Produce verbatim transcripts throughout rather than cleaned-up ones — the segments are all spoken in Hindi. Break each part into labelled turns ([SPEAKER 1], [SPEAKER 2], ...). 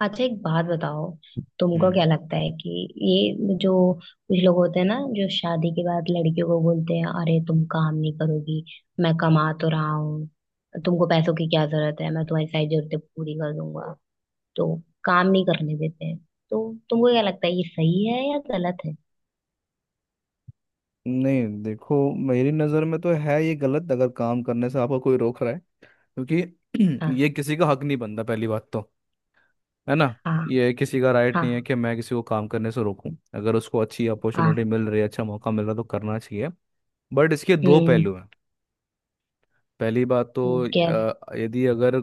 [SPEAKER 1] अच्छा, एक बात बताओ। तुमको
[SPEAKER 2] हम्म
[SPEAKER 1] क्या लगता है कि ये जो कुछ लोग होते हैं ना जो शादी के बाद लड़कियों को बोलते हैं, अरे तुम काम नहीं करोगी, मैं कमा तो रहा हूँ, तुमको पैसों की क्या जरूरत है, मैं तुम्हारी सारी जरूरतें पूरी कर दूंगा, तो काम नहीं करने देते हैं, तो तुमको क्या लगता है ये सही है या गलत है?
[SPEAKER 2] नहीं, देखो, मेरी नज़र में तो है ये गलत। अगर काम करने से आपको कोई रोक रहा है, क्योंकि
[SPEAKER 1] हाँ।
[SPEAKER 2] ये किसी का हक नहीं बनता। पहली बात तो, है ना,
[SPEAKER 1] हाँ।
[SPEAKER 2] ये किसी का राइट नहीं है
[SPEAKER 1] हाँ।
[SPEAKER 2] कि मैं किसी को काम करने से रोकूं। अगर उसको अच्छी
[SPEAKER 1] हाँ।
[SPEAKER 2] अपॉर्चुनिटी मिल रही है, अच्छा मौका मिल रहा है, तो करना चाहिए। बट इसके दो
[SPEAKER 1] हम्म।
[SPEAKER 2] पहलू हैं। पहली बात तो
[SPEAKER 1] कैस।
[SPEAKER 2] अ, यदि अगर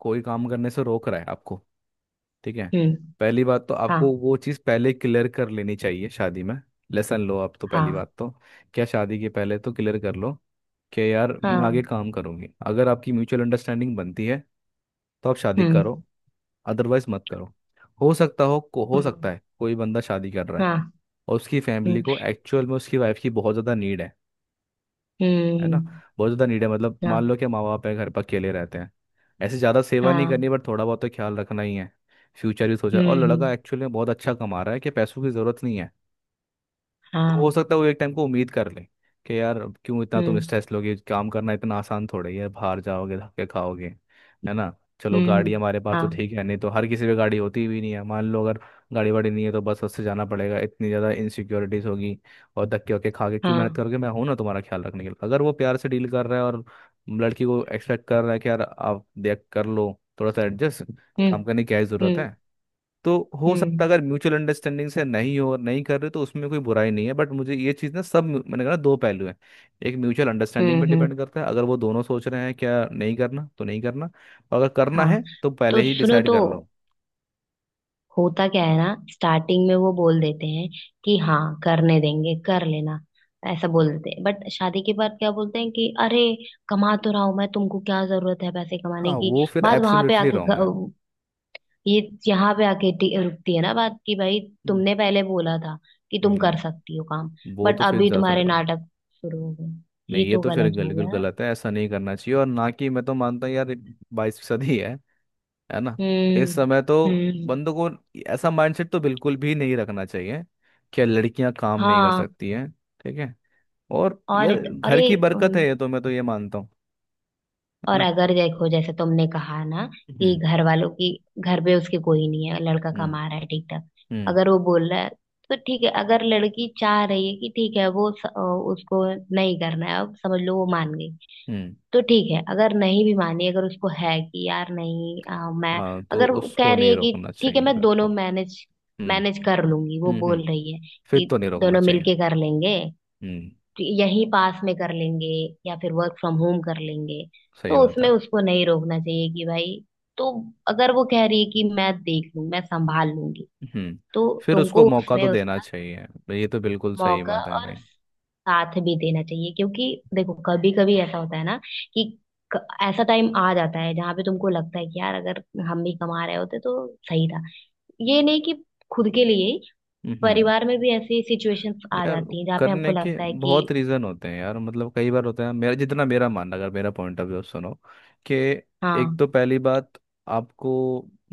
[SPEAKER 2] कोई काम करने से रोक रहा है आपको, ठीक है,
[SPEAKER 1] हम्म।
[SPEAKER 2] पहली बात तो आपको
[SPEAKER 1] हाँ।
[SPEAKER 2] वो चीज़ पहले क्लियर कर लेनी चाहिए शादी में। लेसन लो आप तो। पहली
[SPEAKER 1] हाँ।
[SPEAKER 2] बात तो क्या, शादी के पहले तो क्लियर कर लो कि यार मैं आगे
[SPEAKER 1] हाँ।
[SPEAKER 2] काम करूंगी। अगर आपकी म्यूचुअल अंडरस्टैंडिंग बनती है तो आप शादी
[SPEAKER 1] हम्म।
[SPEAKER 2] करो, अदरवाइज मत करो। हो सकता हो को हो सकता
[SPEAKER 1] हम्म।
[SPEAKER 2] है कोई बंदा शादी कर रहा है
[SPEAKER 1] हाँ।
[SPEAKER 2] और उसकी फैमिली
[SPEAKER 1] हम्म।
[SPEAKER 2] को एक्चुअल में उसकी वाइफ की बहुत ज़्यादा नीड है। है ना।
[SPEAKER 1] हम्म।
[SPEAKER 2] बहुत ज़्यादा नीड है, मतलब मान
[SPEAKER 1] हाँ।
[SPEAKER 2] लो कि माँ बाप है घर पर, अकेले रहते हैं। ऐसे ज़्यादा सेवा नहीं करनी,
[SPEAKER 1] हाँ।
[SPEAKER 2] बट थोड़ा बहुत तो ख्याल रखना ही है। फ्यूचर भी सोचा, और
[SPEAKER 1] हम्म।
[SPEAKER 2] लड़का
[SPEAKER 1] हम्म।
[SPEAKER 2] एक्चुअली में बहुत अच्छा कमा रहा है कि पैसों की ज़रूरत नहीं है। तो हो
[SPEAKER 1] हाँ।
[SPEAKER 2] सकता है वो एक टाइम को उम्मीद कर ले कि यार अब क्यों इतना तुम
[SPEAKER 1] हम्म।
[SPEAKER 2] स्ट्रेस लोगे। काम करना इतना आसान थोड़ा ही है, बाहर जाओगे, धक्के खाओगे। है ना। चलो
[SPEAKER 1] हम्म।
[SPEAKER 2] गाड़ी
[SPEAKER 1] हम्म,
[SPEAKER 2] हमारे पास तो
[SPEAKER 1] हाँ।
[SPEAKER 2] ठीक है, नहीं तो हर किसी पे गाड़ी होती भी नहीं है। मान लो अगर गाड़ी वाड़ी नहीं है तो बस उससे जाना पड़ेगा, इतनी ज़्यादा इनसिक्योरिटीज होगी। और धक्के वक्के खा के क्यों
[SPEAKER 1] हाँ।
[SPEAKER 2] मेहनत करोगे, मैं हूं ना तुम्हारा ख्याल रखने के लिए। अगर वो प्यार से डील कर रहा है और लड़की को एक्सपेक्ट कर रहा है कि यार आप देख कर लो, थोड़ा सा एडजस्ट,
[SPEAKER 1] हम्म।
[SPEAKER 2] काम करने की क्या ही जरूरत
[SPEAKER 1] हम्म।
[SPEAKER 2] है। तो हो सकता है
[SPEAKER 1] हम्म।
[SPEAKER 2] अगर म्यूचुअल अंडरस्टैंडिंग से नहीं हो नहीं कर रहे तो उसमें कोई बुराई नहीं है। बट मुझे ये चीज़ ना, सब मैंने कहा ना, दो पहलू हैं। एक म्यूचुअल अंडरस्टैंडिंग
[SPEAKER 1] हम्म।
[SPEAKER 2] पे
[SPEAKER 1] हम्म,
[SPEAKER 2] डिपेंड करता है, अगर वो दोनों सोच रहे हैं क्या नहीं करना तो नहीं करना। और अगर करना
[SPEAKER 1] हाँ।
[SPEAKER 2] है तो पहले
[SPEAKER 1] तो
[SPEAKER 2] ही
[SPEAKER 1] सुनो
[SPEAKER 2] डिसाइड
[SPEAKER 1] तो,
[SPEAKER 2] कर लो।
[SPEAKER 1] होता क्या है ना, स्टार्टिंग में वो बोल देते हैं कि हाँ करने देंगे, कर लेना, ऐसा बोल देते हैं। बट शादी के बाद क्या बोलते हैं कि अरे कमा तो रहा हूं मैं, तुमको क्या जरूरत है पैसे कमाने
[SPEAKER 2] हाँ,
[SPEAKER 1] की।
[SPEAKER 2] वो फिर
[SPEAKER 1] बात वहां पे
[SPEAKER 2] एब्सोल्युटली
[SPEAKER 1] आके,
[SPEAKER 2] रॉन्ग है।
[SPEAKER 1] ये, यहाँ पे आके टी- रुकती है ना बात कि भाई,
[SPEAKER 2] हम्म।
[SPEAKER 1] तुमने पहले बोला था कि तुम कर
[SPEAKER 2] हम्म,
[SPEAKER 1] सकती हो काम।
[SPEAKER 2] वो
[SPEAKER 1] बट
[SPEAKER 2] तो फिर
[SPEAKER 1] अभी
[SPEAKER 2] ज़्यादा
[SPEAKER 1] तुम्हारे
[SPEAKER 2] लगा।
[SPEAKER 1] नाटक शुरू हो गए,
[SPEAKER 2] नहीं,
[SPEAKER 1] ये
[SPEAKER 2] ये
[SPEAKER 1] तो
[SPEAKER 2] तो फिर
[SPEAKER 1] गलत हो
[SPEAKER 2] बिल्कुल
[SPEAKER 1] गया ना।
[SPEAKER 2] गलत है, ऐसा नहीं करना चाहिए। और ना, कि मैं तो मानता हूँ यार, बाईस फीसद ही है है ना, इस
[SPEAKER 1] हम्म।
[SPEAKER 2] समय तो
[SPEAKER 1] हम्म।
[SPEAKER 2] बंदों को ऐसा माइंडसेट तो बिल्कुल भी नहीं रखना चाहिए कि लड़कियां काम नहीं कर
[SPEAKER 1] हाँ।
[SPEAKER 2] सकती हैं। ठीक है। और
[SPEAKER 1] और,
[SPEAKER 2] यार, घर
[SPEAKER 1] अरे,
[SPEAKER 2] की बरकत
[SPEAKER 1] उम,
[SPEAKER 2] है ये तो, मैं तो ये मानता हूँ। है
[SPEAKER 1] और
[SPEAKER 2] ना।
[SPEAKER 1] अगर देखो जैसे तुमने कहा ना कि
[SPEAKER 2] हम्म।
[SPEAKER 1] घर वालों की, घर पे उसके कोई नहीं है, लड़का
[SPEAKER 2] हम्म।
[SPEAKER 1] कमा रहा है ठीक ठाक।
[SPEAKER 2] हम्म।
[SPEAKER 1] अगर वो बोल रहा है तो ठीक है। अगर लड़की चाह रही है कि ठीक है, वो स, अ, उसको नहीं करना है, अब समझ लो वो मान गई,
[SPEAKER 2] हम्म।
[SPEAKER 1] तो ठीक है। अगर नहीं भी मानी, अगर उसको है कि यार नहीं, आ, मैं,
[SPEAKER 2] हाँ, तो
[SPEAKER 1] अगर वो कह
[SPEAKER 2] उसको
[SPEAKER 1] रही
[SPEAKER 2] नहीं
[SPEAKER 1] है
[SPEAKER 2] रोकना
[SPEAKER 1] कि ठीक है,
[SPEAKER 2] चाहिए
[SPEAKER 1] मैं
[SPEAKER 2] फिर तो।
[SPEAKER 1] दोनों मैनेज
[SPEAKER 2] हम्म।
[SPEAKER 1] मैनेज कर लूंगी, वो
[SPEAKER 2] हम्म। हम्म।
[SPEAKER 1] बोल रही है
[SPEAKER 2] फिर
[SPEAKER 1] कि
[SPEAKER 2] तो नहीं रोकना
[SPEAKER 1] दोनों
[SPEAKER 2] चाहिए।
[SPEAKER 1] मिलके कर लेंगे,
[SPEAKER 2] हम्म,
[SPEAKER 1] कि यहीं पास में कर लेंगे या फिर वर्क फ्रॉम होम कर लेंगे,
[SPEAKER 2] सही
[SPEAKER 1] तो
[SPEAKER 2] बात
[SPEAKER 1] उसमें
[SPEAKER 2] है।
[SPEAKER 1] उसको नहीं रोकना चाहिए कि भाई, तो अगर वो कह रही है कि मैं देख लूं, मैं संभाल लूंगी,
[SPEAKER 2] हम्म,
[SPEAKER 1] तो
[SPEAKER 2] फिर उसको
[SPEAKER 1] तुमको
[SPEAKER 2] मौका
[SPEAKER 1] उसमें
[SPEAKER 2] तो
[SPEAKER 1] उस
[SPEAKER 2] देना चाहिए। ये तो बिल्कुल सही
[SPEAKER 1] मौका
[SPEAKER 2] बात है
[SPEAKER 1] और
[SPEAKER 2] भाई।
[SPEAKER 1] साथ भी देना चाहिए। क्योंकि देखो कभी कभी ऐसा होता है ना कि क- ऐसा टाइम आ जाता है जहां पे तुमको लगता है कि यार अगर हम भी कमा रहे होते तो सही था। ये नहीं कि खुद के लिए ही,
[SPEAKER 2] हम्म। हम्म।
[SPEAKER 1] परिवार में भी ऐसी सिचुएशंस आ
[SPEAKER 2] यार,
[SPEAKER 1] जाती हैं जहाँ पे
[SPEAKER 2] करने
[SPEAKER 1] हमको
[SPEAKER 2] के
[SPEAKER 1] लगता है कि।
[SPEAKER 2] बहुत रीज़न होते हैं यार, मतलब कई बार होते हैं। मेरा जितना मेरा मानना, अगर मेरा पॉइंट ऑफ व्यू सुनो कि एक
[SPEAKER 1] हाँ।
[SPEAKER 2] तो पहली बात, आपको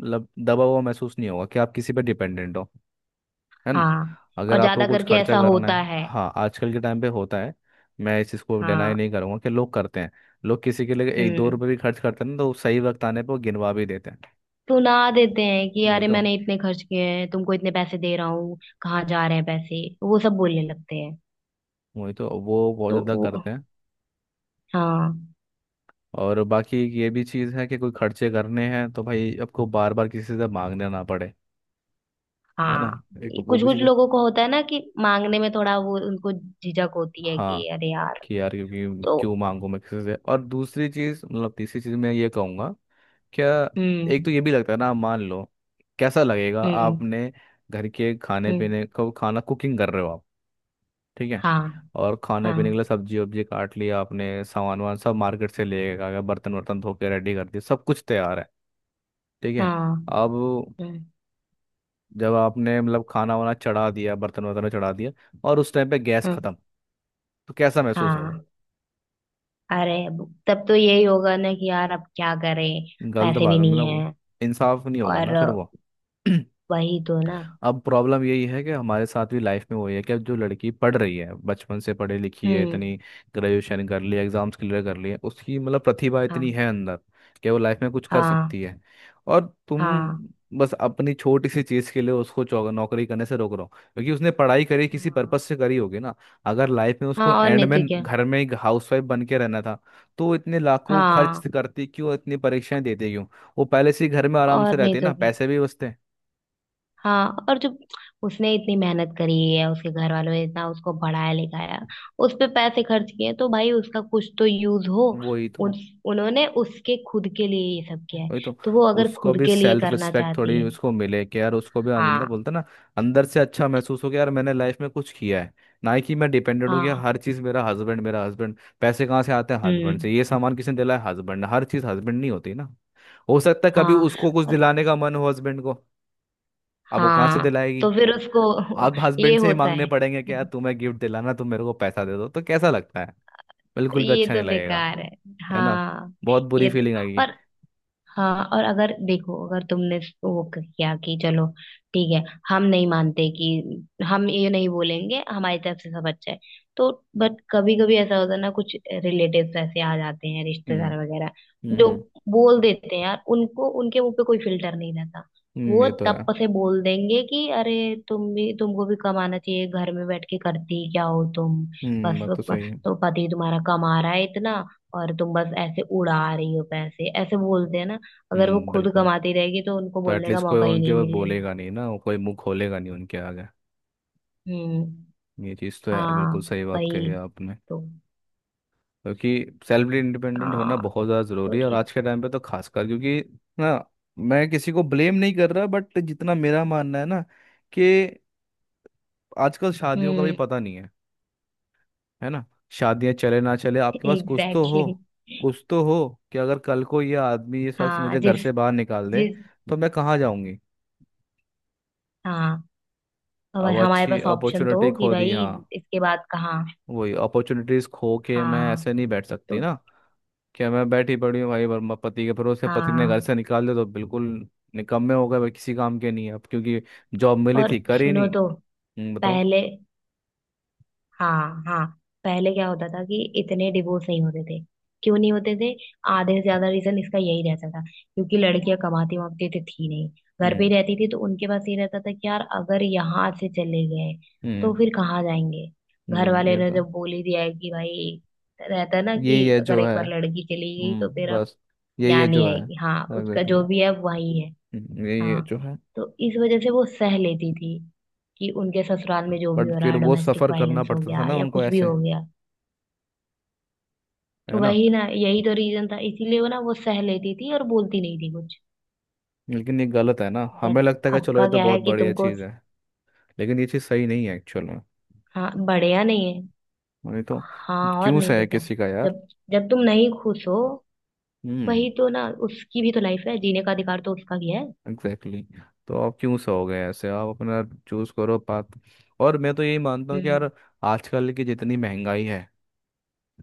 [SPEAKER 2] मतलब दबा हुआ महसूस नहीं होगा कि आप किसी पर डिपेंडेंट हो। है ना।
[SPEAKER 1] हाँ
[SPEAKER 2] अगर
[SPEAKER 1] और
[SPEAKER 2] आपको
[SPEAKER 1] ज्यादा
[SPEAKER 2] कुछ
[SPEAKER 1] करके
[SPEAKER 2] खर्चा
[SPEAKER 1] ऐसा
[SPEAKER 2] करना
[SPEAKER 1] होता
[SPEAKER 2] है,
[SPEAKER 1] है।
[SPEAKER 2] हाँ, आजकल के टाइम पे होता है, मैं इस चीज़ को डिनाई
[SPEAKER 1] हाँ।
[SPEAKER 2] नहीं करूंगा कि लोग करते हैं। लोग किसी के लिए एक दो
[SPEAKER 1] हम्म।
[SPEAKER 2] रुपये भी खर्च करते हैं ना, तो सही वक्त आने पर वो गिनवा भी देते हैं।
[SPEAKER 1] सुना देते हैं कि
[SPEAKER 2] वही
[SPEAKER 1] अरे
[SPEAKER 2] तो
[SPEAKER 1] मैंने इतने खर्च किए हैं, तुमको इतने पैसे दे रहा हूँ, कहाँ जा रहे हैं पैसे, वो सब बोलने लगते हैं।
[SPEAKER 2] वही तो वो बहुत
[SPEAKER 1] तो
[SPEAKER 2] ज़्यादा
[SPEAKER 1] वो,
[SPEAKER 2] करते हैं।
[SPEAKER 1] हाँ।
[SPEAKER 2] और बाकी ये भी चीज़ है कि कोई खर्चे करने हैं तो भाई आपको बार बार किसी से मांगने ना पड़े। है ना।
[SPEAKER 1] हाँ।
[SPEAKER 2] एक वो
[SPEAKER 1] कुछ
[SPEAKER 2] भी
[SPEAKER 1] कुछ
[SPEAKER 2] चीज़ है।
[SPEAKER 1] लोगों को होता है ना कि मांगने में थोड़ा वो, उनको झिझक होती है
[SPEAKER 2] हाँ,
[SPEAKER 1] कि अरे यार।
[SPEAKER 2] कि यार, क्योंकि
[SPEAKER 1] तो
[SPEAKER 2] क्यों मांगू मैं किसी से। और दूसरी चीज़, मतलब तीसरी चीज़ मैं ये कहूँगा क्या, एक
[SPEAKER 1] हम्म।
[SPEAKER 2] तो ये भी लगता है ना, मान लो कैसा लगेगा।
[SPEAKER 1] हम्म।
[SPEAKER 2] आपने घर के खाने
[SPEAKER 1] हम्म।
[SPEAKER 2] पीने को, खाना कुकिंग कर रहे हो आप, ठीक है,
[SPEAKER 1] हाँ।
[SPEAKER 2] और खाने
[SPEAKER 1] हाँ।
[SPEAKER 2] पीने के लिए सब्जी वब्जी काट लिया आपने, सामान वामान सब मार्केट से ले आ गए, बर्तन वर्तन धो के रेडी कर दिए, सब कुछ तैयार है, ठीक है।
[SPEAKER 1] हाँ।
[SPEAKER 2] अब
[SPEAKER 1] हम्म।
[SPEAKER 2] जब आपने मतलब खाना वाना चढ़ा दिया, बर्तन वर्तन चढ़ा दिया, और उस टाइम पे गैस
[SPEAKER 1] हम्म,
[SPEAKER 2] खत्म, तो कैसा महसूस होगा।
[SPEAKER 1] हाँ। अरे अब- तब तो यही होगा ना कि यार अब क्या करें,
[SPEAKER 2] गलत
[SPEAKER 1] पैसे
[SPEAKER 2] बात
[SPEAKER 1] भी
[SPEAKER 2] है,
[SPEAKER 1] नहीं
[SPEAKER 2] मतलब वो
[SPEAKER 1] है।
[SPEAKER 2] इंसाफ नहीं होगा ना
[SPEAKER 1] और
[SPEAKER 2] फिर वो।
[SPEAKER 1] वही तो ना।
[SPEAKER 2] अब प्रॉब्लम यही है कि हमारे साथ भी लाइफ में वही है कि अब जो लड़की पढ़ रही है, बचपन से पढ़ी लिखी है इतनी,
[SPEAKER 1] हम्म।
[SPEAKER 2] ग्रेजुएशन कर ली, एग्जाम्स क्लियर कर लिए, उसकी मतलब प्रतिभा इतनी
[SPEAKER 1] हाँ।
[SPEAKER 2] है अंदर कि वो लाइफ में कुछ कर
[SPEAKER 1] हाँ।
[SPEAKER 2] सकती है, और तुम
[SPEAKER 1] हाँ।
[SPEAKER 2] बस अपनी छोटी सी चीज़ के लिए उसको चौ- नौकरी करने से रोक रहे हो। क्योंकि उसने पढ़ाई करी, किसी
[SPEAKER 1] हाँ।
[SPEAKER 2] पर्पस से करी होगी ना। अगर लाइफ में
[SPEAKER 1] हाँ
[SPEAKER 2] उसको
[SPEAKER 1] और
[SPEAKER 2] एंड
[SPEAKER 1] नहीं
[SPEAKER 2] में
[SPEAKER 1] तो क्या।
[SPEAKER 2] घर में एक हाउसवाइफ बन के रहना था तो वो इतने लाखों खर्च
[SPEAKER 1] हाँ
[SPEAKER 2] करती क्यों, इतनी परीक्षाएं देती क्यों। वो पहले से ही घर में आराम से
[SPEAKER 1] और नहीं
[SPEAKER 2] रहते ना,
[SPEAKER 1] तो क्या।
[SPEAKER 2] पैसे भी बचते।
[SPEAKER 1] हाँ और जो उसने इतनी मेहनत करी है, उसके घर वालों ने इतना उसको पढ़ाया लिखाया, उस पे पैसे खर्च किए, तो भाई उसका कुछ तो यूज हो।
[SPEAKER 2] वही
[SPEAKER 1] उन,
[SPEAKER 2] तो।
[SPEAKER 1] उन्होंने उसके खुद के लिए ये सब किया है।
[SPEAKER 2] वही तो
[SPEAKER 1] तो वो अगर
[SPEAKER 2] उसको
[SPEAKER 1] खुद
[SPEAKER 2] भी
[SPEAKER 1] के लिए
[SPEAKER 2] सेल्फ
[SPEAKER 1] करना
[SPEAKER 2] रिस्पेक्ट
[SPEAKER 1] चाहती
[SPEAKER 2] थोड़ी
[SPEAKER 1] है।
[SPEAKER 2] उसको मिले कि यार उसको भी अं- मतलब
[SPEAKER 1] हाँ।
[SPEAKER 2] बोलते हैं ना, अंदर से अच्छा महसूस हो कि यार मैंने लाइफ में कुछ किया है। ना ही कि मैं डिपेंडेंट हूँ कि
[SPEAKER 1] हाँ।
[SPEAKER 2] हर चीज़ मेरा हस्बैंड, मेरा हस्बैंड, पैसे कहाँ से आते हैं हस्बैंड
[SPEAKER 1] हम्म।
[SPEAKER 2] से, ये सामान किसने दिलाया हस्बैंड ने, हर चीज़ हस्बैंड नहीं होती ना। हो सकता है कभी
[SPEAKER 1] हाँ।
[SPEAKER 2] उसको कुछ
[SPEAKER 1] और,
[SPEAKER 2] दिलाने का मन हो हस्बैंड को, अब वो कहाँ से
[SPEAKER 1] हाँ। तो
[SPEAKER 2] दिलाएगी।
[SPEAKER 1] फिर उसको
[SPEAKER 2] अब
[SPEAKER 1] ये
[SPEAKER 2] हस्बैंड से ही
[SPEAKER 1] होता
[SPEAKER 2] मांगने
[SPEAKER 1] है।
[SPEAKER 2] पड़ेंगे कि यार तुम्हें गिफ्ट दिलाना, तुम मेरे को पैसा दे दो, तो कैसा लगता है। बिल्कुल भी
[SPEAKER 1] ये
[SPEAKER 2] अच्छा नहीं
[SPEAKER 1] तो
[SPEAKER 2] लगेगा।
[SPEAKER 1] बेकार है।
[SPEAKER 2] है ना।
[SPEAKER 1] हाँ।
[SPEAKER 2] बहुत बुरी
[SPEAKER 1] ये तो,
[SPEAKER 2] फीलिंग आएगी।
[SPEAKER 1] और, हाँ और अगर देखो, अगर तुमने वो किया कि चलो ठीक है, हम नहीं मानते कि हम ये नहीं बोलेंगे, हमारी तरफ से सब अच्छा है, तो बट कभी कभी ऐसा होता है ना, कुछ रिलेटिव्स ऐसे आ जाते हैं,
[SPEAKER 2] हम्म।
[SPEAKER 1] रिश्तेदार वगैरह जो
[SPEAKER 2] हम्म।
[SPEAKER 1] बोल देते हैं यार, उनको उनके मुंह पे कोई फिल्टर नहीं रहता।
[SPEAKER 2] हम्म,
[SPEAKER 1] वो
[SPEAKER 2] ये तो
[SPEAKER 1] तब
[SPEAKER 2] है।
[SPEAKER 1] से बोल देंगे कि अरे तुम भी, तुमको भी कमाना चाहिए, घर में बैठ के करती क्या हो तुम,
[SPEAKER 2] हम्म
[SPEAKER 1] बस।
[SPEAKER 2] बात तो सही है।
[SPEAKER 1] तो पति तुम्हारा कमा रहा है इतना और तुम बस ऐसे उड़ा रही हो पैसे, ऐसे बोलते हैं ना। अगर वो
[SPEAKER 2] हम्म,
[SPEAKER 1] खुद
[SPEAKER 2] बिल्कुल।
[SPEAKER 1] कमाती रहेगी तो उनको
[SPEAKER 2] तो
[SPEAKER 1] बोलने का
[SPEAKER 2] एटलीस्ट कोई
[SPEAKER 1] मौका ही
[SPEAKER 2] उनके
[SPEAKER 1] नहीं
[SPEAKER 2] ऊपर
[SPEAKER 1] मिलेगा।
[SPEAKER 2] बोलेगा नहीं ना, कोई मुंह खोलेगा नहीं उनके आगे।
[SPEAKER 1] हम्म।
[SPEAKER 2] ये चीज़ तो है,
[SPEAKER 1] हाँ।
[SPEAKER 2] बिल्कुल सही बात कही
[SPEAKER 1] वही
[SPEAKER 2] है आपने।
[SPEAKER 1] तो।
[SPEAKER 2] क्योंकि सेल्फ इंडिपेंडेंट होना
[SPEAKER 1] हाँ।
[SPEAKER 2] बहुत ज़्यादा
[SPEAKER 1] तो
[SPEAKER 2] ज़रूरी है, और
[SPEAKER 1] इस,
[SPEAKER 2] आज के टाइम पे तो खासकर। क्योंकि ना, मैं किसी को ब्लेम नहीं कर रहा बट जितना मेरा मानना है ना, कि आजकल शादियों का भी
[SPEAKER 1] हम्म।
[SPEAKER 2] पता नहीं है। है ना। शादियां चले ना चले, आपके पास कुछ तो हो,
[SPEAKER 1] एग्जैक्टली exactly।
[SPEAKER 2] कुछ तो हो, कि अगर कल को ये आदमी ये शख्स
[SPEAKER 1] हाँ
[SPEAKER 2] मुझे घर
[SPEAKER 1] जिस,
[SPEAKER 2] से बाहर निकाल दे
[SPEAKER 1] जिस,
[SPEAKER 2] तो मैं कहाँ जाऊंगी।
[SPEAKER 1] हाँ और
[SPEAKER 2] अब
[SPEAKER 1] हमारे
[SPEAKER 2] अच्छी
[SPEAKER 1] पास ऑप्शन तो
[SPEAKER 2] अपॉर्चुनिटी
[SPEAKER 1] हो कि
[SPEAKER 2] खो दी,
[SPEAKER 1] भाई
[SPEAKER 2] हाँ,
[SPEAKER 1] इसके बाद कहाँ।
[SPEAKER 2] वही अपॉर्चुनिटीज खो के मैं
[SPEAKER 1] हाँ।
[SPEAKER 2] ऐसे नहीं बैठ सकती
[SPEAKER 1] तो,
[SPEAKER 2] ना। क्या मैं बैठी पड़ी हूँ भाई वर्मा पति के भरोसे, पति ने
[SPEAKER 1] हाँ
[SPEAKER 2] घर से निकाल दिया तो बिल्कुल निकम्मे हो गए भाई, किसी काम के नहीं है अब, क्योंकि जॉब मिली
[SPEAKER 1] और
[SPEAKER 2] थी कर ही
[SPEAKER 1] सुनो
[SPEAKER 2] नहीं।
[SPEAKER 1] तो,
[SPEAKER 2] हम्म, बताओ।
[SPEAKER 1] पहले, हाँ हाँ, पहले क्या होता था कि इतने डिवोर्स नहीं होते थे। क्यों नहीं होते थे? आधे से ज्यादा रीजन इसका यही रहता था क्योंकि लड़कियां कमाती वामाती तो थी नहीं, घर पे ही
[SPEAKER 2] हम्म।
[SPEAKER 1] रहती थी, तो उनके पास ये रहता था कि यार अगर यहाँ से चले गए तो
[SPEAKER 2] हम्म।
[SPEAKER 1] फिर कहाँ जाएंगे। घर
[SPEAKER 2] हम्म
[SPEAKER 1] वाले
[SPEAKER 2] ये
[SPEAKER 1] ने
[SPEAKER 2] तो।
[SPEAKER 1] जब बोल ही दिया है कि भाई, रहता है ना कि
[SPEAKER 2] यही है
[SPEAKER 1] अगर
[SPEAKER 2] जो
[SPEAKER 1] एक
[SPEAKER 2] है।
[SPEAKER 1] बार लड़की चली गई तो
[SPEAKER 2] हम्म
[SPEAKER 1] फिर अब
[SPEAKER 2] बस यही
[SPEAKER 1] यहाँ
[SPEAKER 2] है जो
[SPEAKER 1] नहीं
[SPEAKER 2] है।
[SPEAKER 1] आएगी, हाँ उसका जो
[SPEAKER 2] एग्जैक्टली,
[SPEAKER 1] भी है वही है।
[SPEAKER 2] यही है
[SPEAKER 1] हाँ,
[SPEAKER 2] जो है।
[SPEAKER 1] तो इस वजह से वो सह लेती थी कि उनके ससुराल में जो भी
[SPEAKER 2] बट
[SPEAKER 1] हो रहा
[SPEAKER 2] फिर
[SPEAKER 1] है,
[SPEAKER 2] वो
[SPEAKER 1] डोमेस्टिक
[SPEAKER 2] सफर करना
[SPEAKER 1] वायलेंस हो
[SPEAKER 2] पड़ता था
[SPEAKER 1] गया
[SPEAKER 2] ना
[SPEAKER 1] या
[SPEAKER 2] उनको
[SPEAKER 1] कुछ भी
[SPEAKER 2] ऐसे।
[SPEAKER 1] हो गया।
[SPEAKER 2] है ना।
[SPEAKER 1] वही ना, यही तो रीजन था, इसीलिए वो ना, वो सह लेती थी और बोलती नहीं थी कुछ।
[SPEAKER 2] लेकिन ये गलत है ना, हमें
[SPEAKER 1] बट
[SPEAKER 2] लगता है कि चलो
[SPEAKER 1] आपका
[SPEAKER 2] ये तो
[SPEAKER 1] क्या है
[SPEAKER 2] बहुत
[SPEAKER 1] कि
[SPEAKER 2] बढ़िया
[SPEAKER 1] तुमको,
[SPEAKER 2] चीज़ है, लेकिन ये चीज़ सही नहीं है एक्चुअल में।
[SPEAKER 1] हाँ बढ़िया नहीं है।
[SPEAKER 2] नहीं तो
[SPEAKER 1] हाँ और
[SPEAKER 2] क्यों
[SPEAKER 1] नहीं
[SPEAKER 2] सहे
[SPEAKER 1] तो क्या।
[SPEAKER 2] किसी का यार।
[SPEAKER 1] जब जब तुम नहीं खुश हो,
[SPEAKER 2] हम्म,
[SPEAKER 1] वही तो ना, उसकी भी तो लाइफ है, जीने का अधिकार तो उसका भी है।
[SPEAKER 2] Exactly exactly। तो आप क्यों सहोगे ऐसे, आप अपना चूज करो पाथ। और मैं तो यही मानता हूँ कि
[SPEAKER 1] हम्म।
[SPEAKER 2] यार आजकल की जितनी महंगाई है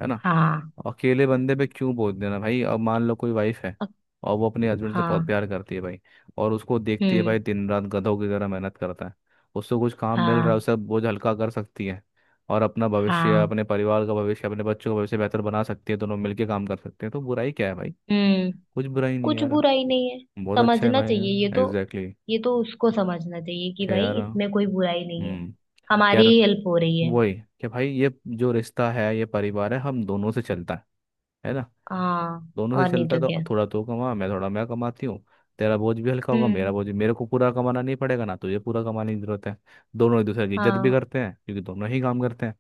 [SPEAKER 2] है ना,
[SPEAKER 1] हाँ।
[SPEAKER 2] अकेले बंदे पे क्यों बोझ देना भाई। अब मान लो कोई वाइफ है
[SPEAKER 1] अ-
[SPEAKER 2] और वो अपने हस्बैंड से बहुत
[SPEAKER 1] हाँ।
[SPEAKER 2] प्यार करती है भाई, और उसको देखती है
[SPEAKER 1] हम्म।
[SPEAKER 2] भाई दिन रात गधों की तरह मेहनत करता है, उसको कुछ काम मिल रहा है,
[SPEAKER 1] हाँ।
[SPEAKER 2] उसे बोझ हल्का कर सकती है, और अपना भविष्य,
[SPEAKER 1] हाँ।
[SPEAKER 2] अपने परिवार का भविष्य, अपने बच्चों का भविष्य बेहतर बना सकती है, दोनों मिलके काम कर सकते हैं, तो बुराई क्या है भाई।
[SPEAKER 1] हम्म।
[SPEAKER 2] कुछ बुराई नहीं है
[SPEAKER 1] कुछ
[SPEAKER 2] यार,
[SPEAKER 1] बुराई नहीं है।
[SPEAKER 2] बहुत अच्छा है
[SPEAKER 1] समझना
[SPEAKER 2] भाई।
[SPEAKER 1] चाहिए ये तो।
[SPEAKER 2] Exactly exactly।
[SPEAKER 1] ये तो उसको समझना चाहिए कि
[SPEAKER 2] क्या
[SPEAKER 1] भाई,
[SPEAKER 2] यार।
[SPEAKER 1] इसमें कोई बुराई नहीं है।
[SPEAKER 2] हम्म।
[SPEAKER 1] हमारी
[SPEAKER 2] यार
[SPEAKER 1] ही हेल्प हो रही है।
[SPEAKER 2] वही, कि भाई ये जो रिश्ता है, ये परिवार है, हम दोनों से चलता है। है ना।
[SPEAKER 1] हाँ
[SPEAKER 2] दोनों से
[SPEAKER 1] और नहीं
[SPEAKER 2] चलता है,
[SPEAKER 1] तो क्या।
[SPEAKER 2] तो थोड़ा तू कमा, मैं थोड़ा मैं कमाती हूँ। तेरा बोझ भी हल्का होगा, मेरा
[SPEAKER 1] हम्म।
[SPEAKER 2] बोझ भी, मेरे को पूरा कमाना नहीं पड़ेगा, ना तुझे पूरा कमाने की जरूरत है। दोनों एक दूसरे की इज्जत भी
[SPEAKER 1] हाँ।
[SPEAKER 2] करते हैं क्योंकि दोनों ही काम करते हैं।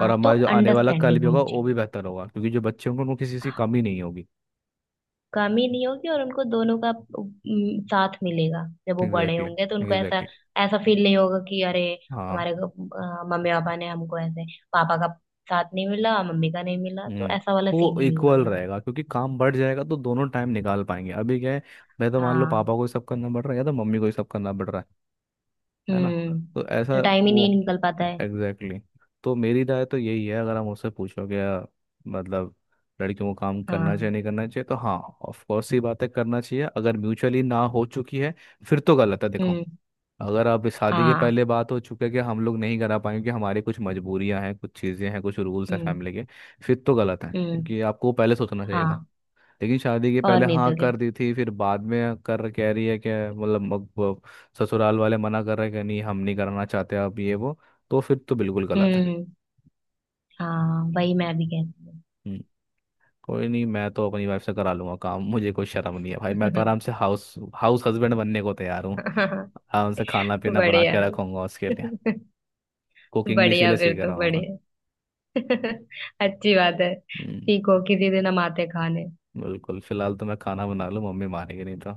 [SPEAKER 2] और
[SPEAKER 1] तो
[SPEAKER 2] हमारे जो आने वाला कल
[SPEAKER 1] अंडरस्टैंडिंग
[SPEAKER 2] भी होगा
[SPEAKER 1] होनी
[SPEAKER 2] वो
[SPEAKER 1] चाहिए।
[SPEAKER 2] भी बेहतर होगा, क्योंकि जो बच्चे होंगे उनको किसी चीज़ की
[SPEAKER 1] हाँ,
[SPEAKER 2] कमी नहीं होगी।
[SPEAKER 1] कमी नहीं होगी और उनको दोनों का उम, साथ मिलेगा। जब वो बड़े
[SPEAKER 2] एग्जैक्टली।
[SPEAKER 1] होंगे तो उनको ऐसा,
[SPEAKER 2] एग्जैक्टली।
[SPEAKER 1] ऐसा फील नहीं होगा कि अरे
[SPEAKER 2] हाँ
[SPEAKER 1] हमारे अ, मम्मी पापा ने हमको ऐसे, पापा का साथ नहीं मिला, मम्मी का नहीं मिला, तो
[SPEAKER 2] हम्म
[SPEAKER 1] ऐसा वाला
[SPEAKER 2] तो
[SPEAKER 1] सीन
[SPEAKER 2] वो
[SPEAKER 1] ही नहीं
[SPEAKER 2] इक्वल
[SPEAKER 1] होगा।
[SPEAKER 2] रहेगा, क्योंकि काम बढ़ जाएगा तो दोनों टाइम निकाल पाएंगे। अभी क्या है, मैं तो, मान लो,
[SPEAKER 1] हाँ।
[SPEAKER 2] पापा को ही सब करना पड़ रहा है, या तो मम्मी को ही सब करना पड़ रहा है। है ना।
[SPEAKER 1] हम्म।
[SPEAKER 2] तो ऐसा
[SPEAKER 1] तो टाइम ही
[SPEAKER 2] वो,
[SPEAKER 1] नहीं निकल पाता है।
[SPEAKER 2] Exactly exactly। तो मेरी राय तो यही है, अगर आप मुझसे पूछोगे या मतलब लड़कियों को काम करना चाहिए
[SPEAKER 1] हाँ।
[SPEAKER 2] नहीं करना चाहिए, तो हाँ, ऑफ कोर्स ये बातें करना चाहिए, अगर म्यूचुअली ना हो चुकी है फिर तो गलत है देखो।
[SPEAKER 1] हम्म।
[SPEAKER 2] अगर आप इस शादी के
[SPEAKER 1] हाँ।
[SPEAKER 2] पहले बात हो चुके कि हम लोग नहीं करा पाएंगे, कि हमारी कुछ मजबूरियां हैं, कुछ चीज़ें हैं, कुछ रूल्स हैं
[SPEAKER 1] हम्म।
[SPEAKER 2] फैमिली के, फिर तो गलत है,
[SPEAKER 1] हम्म।
[SPEAKER 2] क्योंकि आपको पहले सोचना चाहिए था।
[SPEAKER 1] हाँ
[SPEAKER 2] लेकिन शादी के
[SPEAKER 1] और
[SPEAKER 2] पहले
[SPEAKER 1] नहीं
[SPEAKER 2] हाँ
[SPEAKER 1] तो क्या।
[SPEAKER 2] कर दी थी, फिर बाद में कर कह रही है कि मतलब, अब वो ससुराल वाले मना कर रहे हैं कि नहीं हम नहीं कराना चाहते, अब ये वो, तो फिर तो बिल्कुल गलत है।
[SPEAKER 1] हम्म। हाँ वही मैं भी कहती
[SPEAKER 2] हम्म, कोई नहीं, मैं तो अपनी वाइफ से करा लूंगा काम, मुझे कोई शर्म नहीं है भाई। मैं तो आराम से हाउस हाउस हस्बैंड बनने को तैयार हूँ,
[SPEAKER 1] हूँ।
[SPEAKER 2] आराम से खाना पीना बना
[SPEAKER 1] बढ़िया।
[SPEAKER 2] के रखूंगा उसके लिए। कुकिंग भी
[SPEAKER 1] बढ़िया
[SPEAKER 2] इसीलिए
[SPEAKER 1] फिर
[SPEAKER 2] सीख
[SPEAKER 1] तो,
[SPEAKER 2] रहा हूँ।
[SPEAKER 1] बढ़िया। अच्छी बात है।
[SPEAKER 2] हम्म,
[SPEAKER 1] सीखो, किसी दिन हम आते खाने।
[SPEAKER 2] बिल्कुल, फिलहाल तो मैं खाना बना लूँ, मम्मी मारेगी नहीं तो।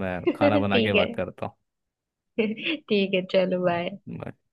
[SPEAKER 2] मैं खाना बना के
[SPEAKER 1] ठीक है।
[SPEAKER 2] बात करता
[SPEAKER 1] ठीक है, चलो बाय।
[SPEAKER 2] हूँ।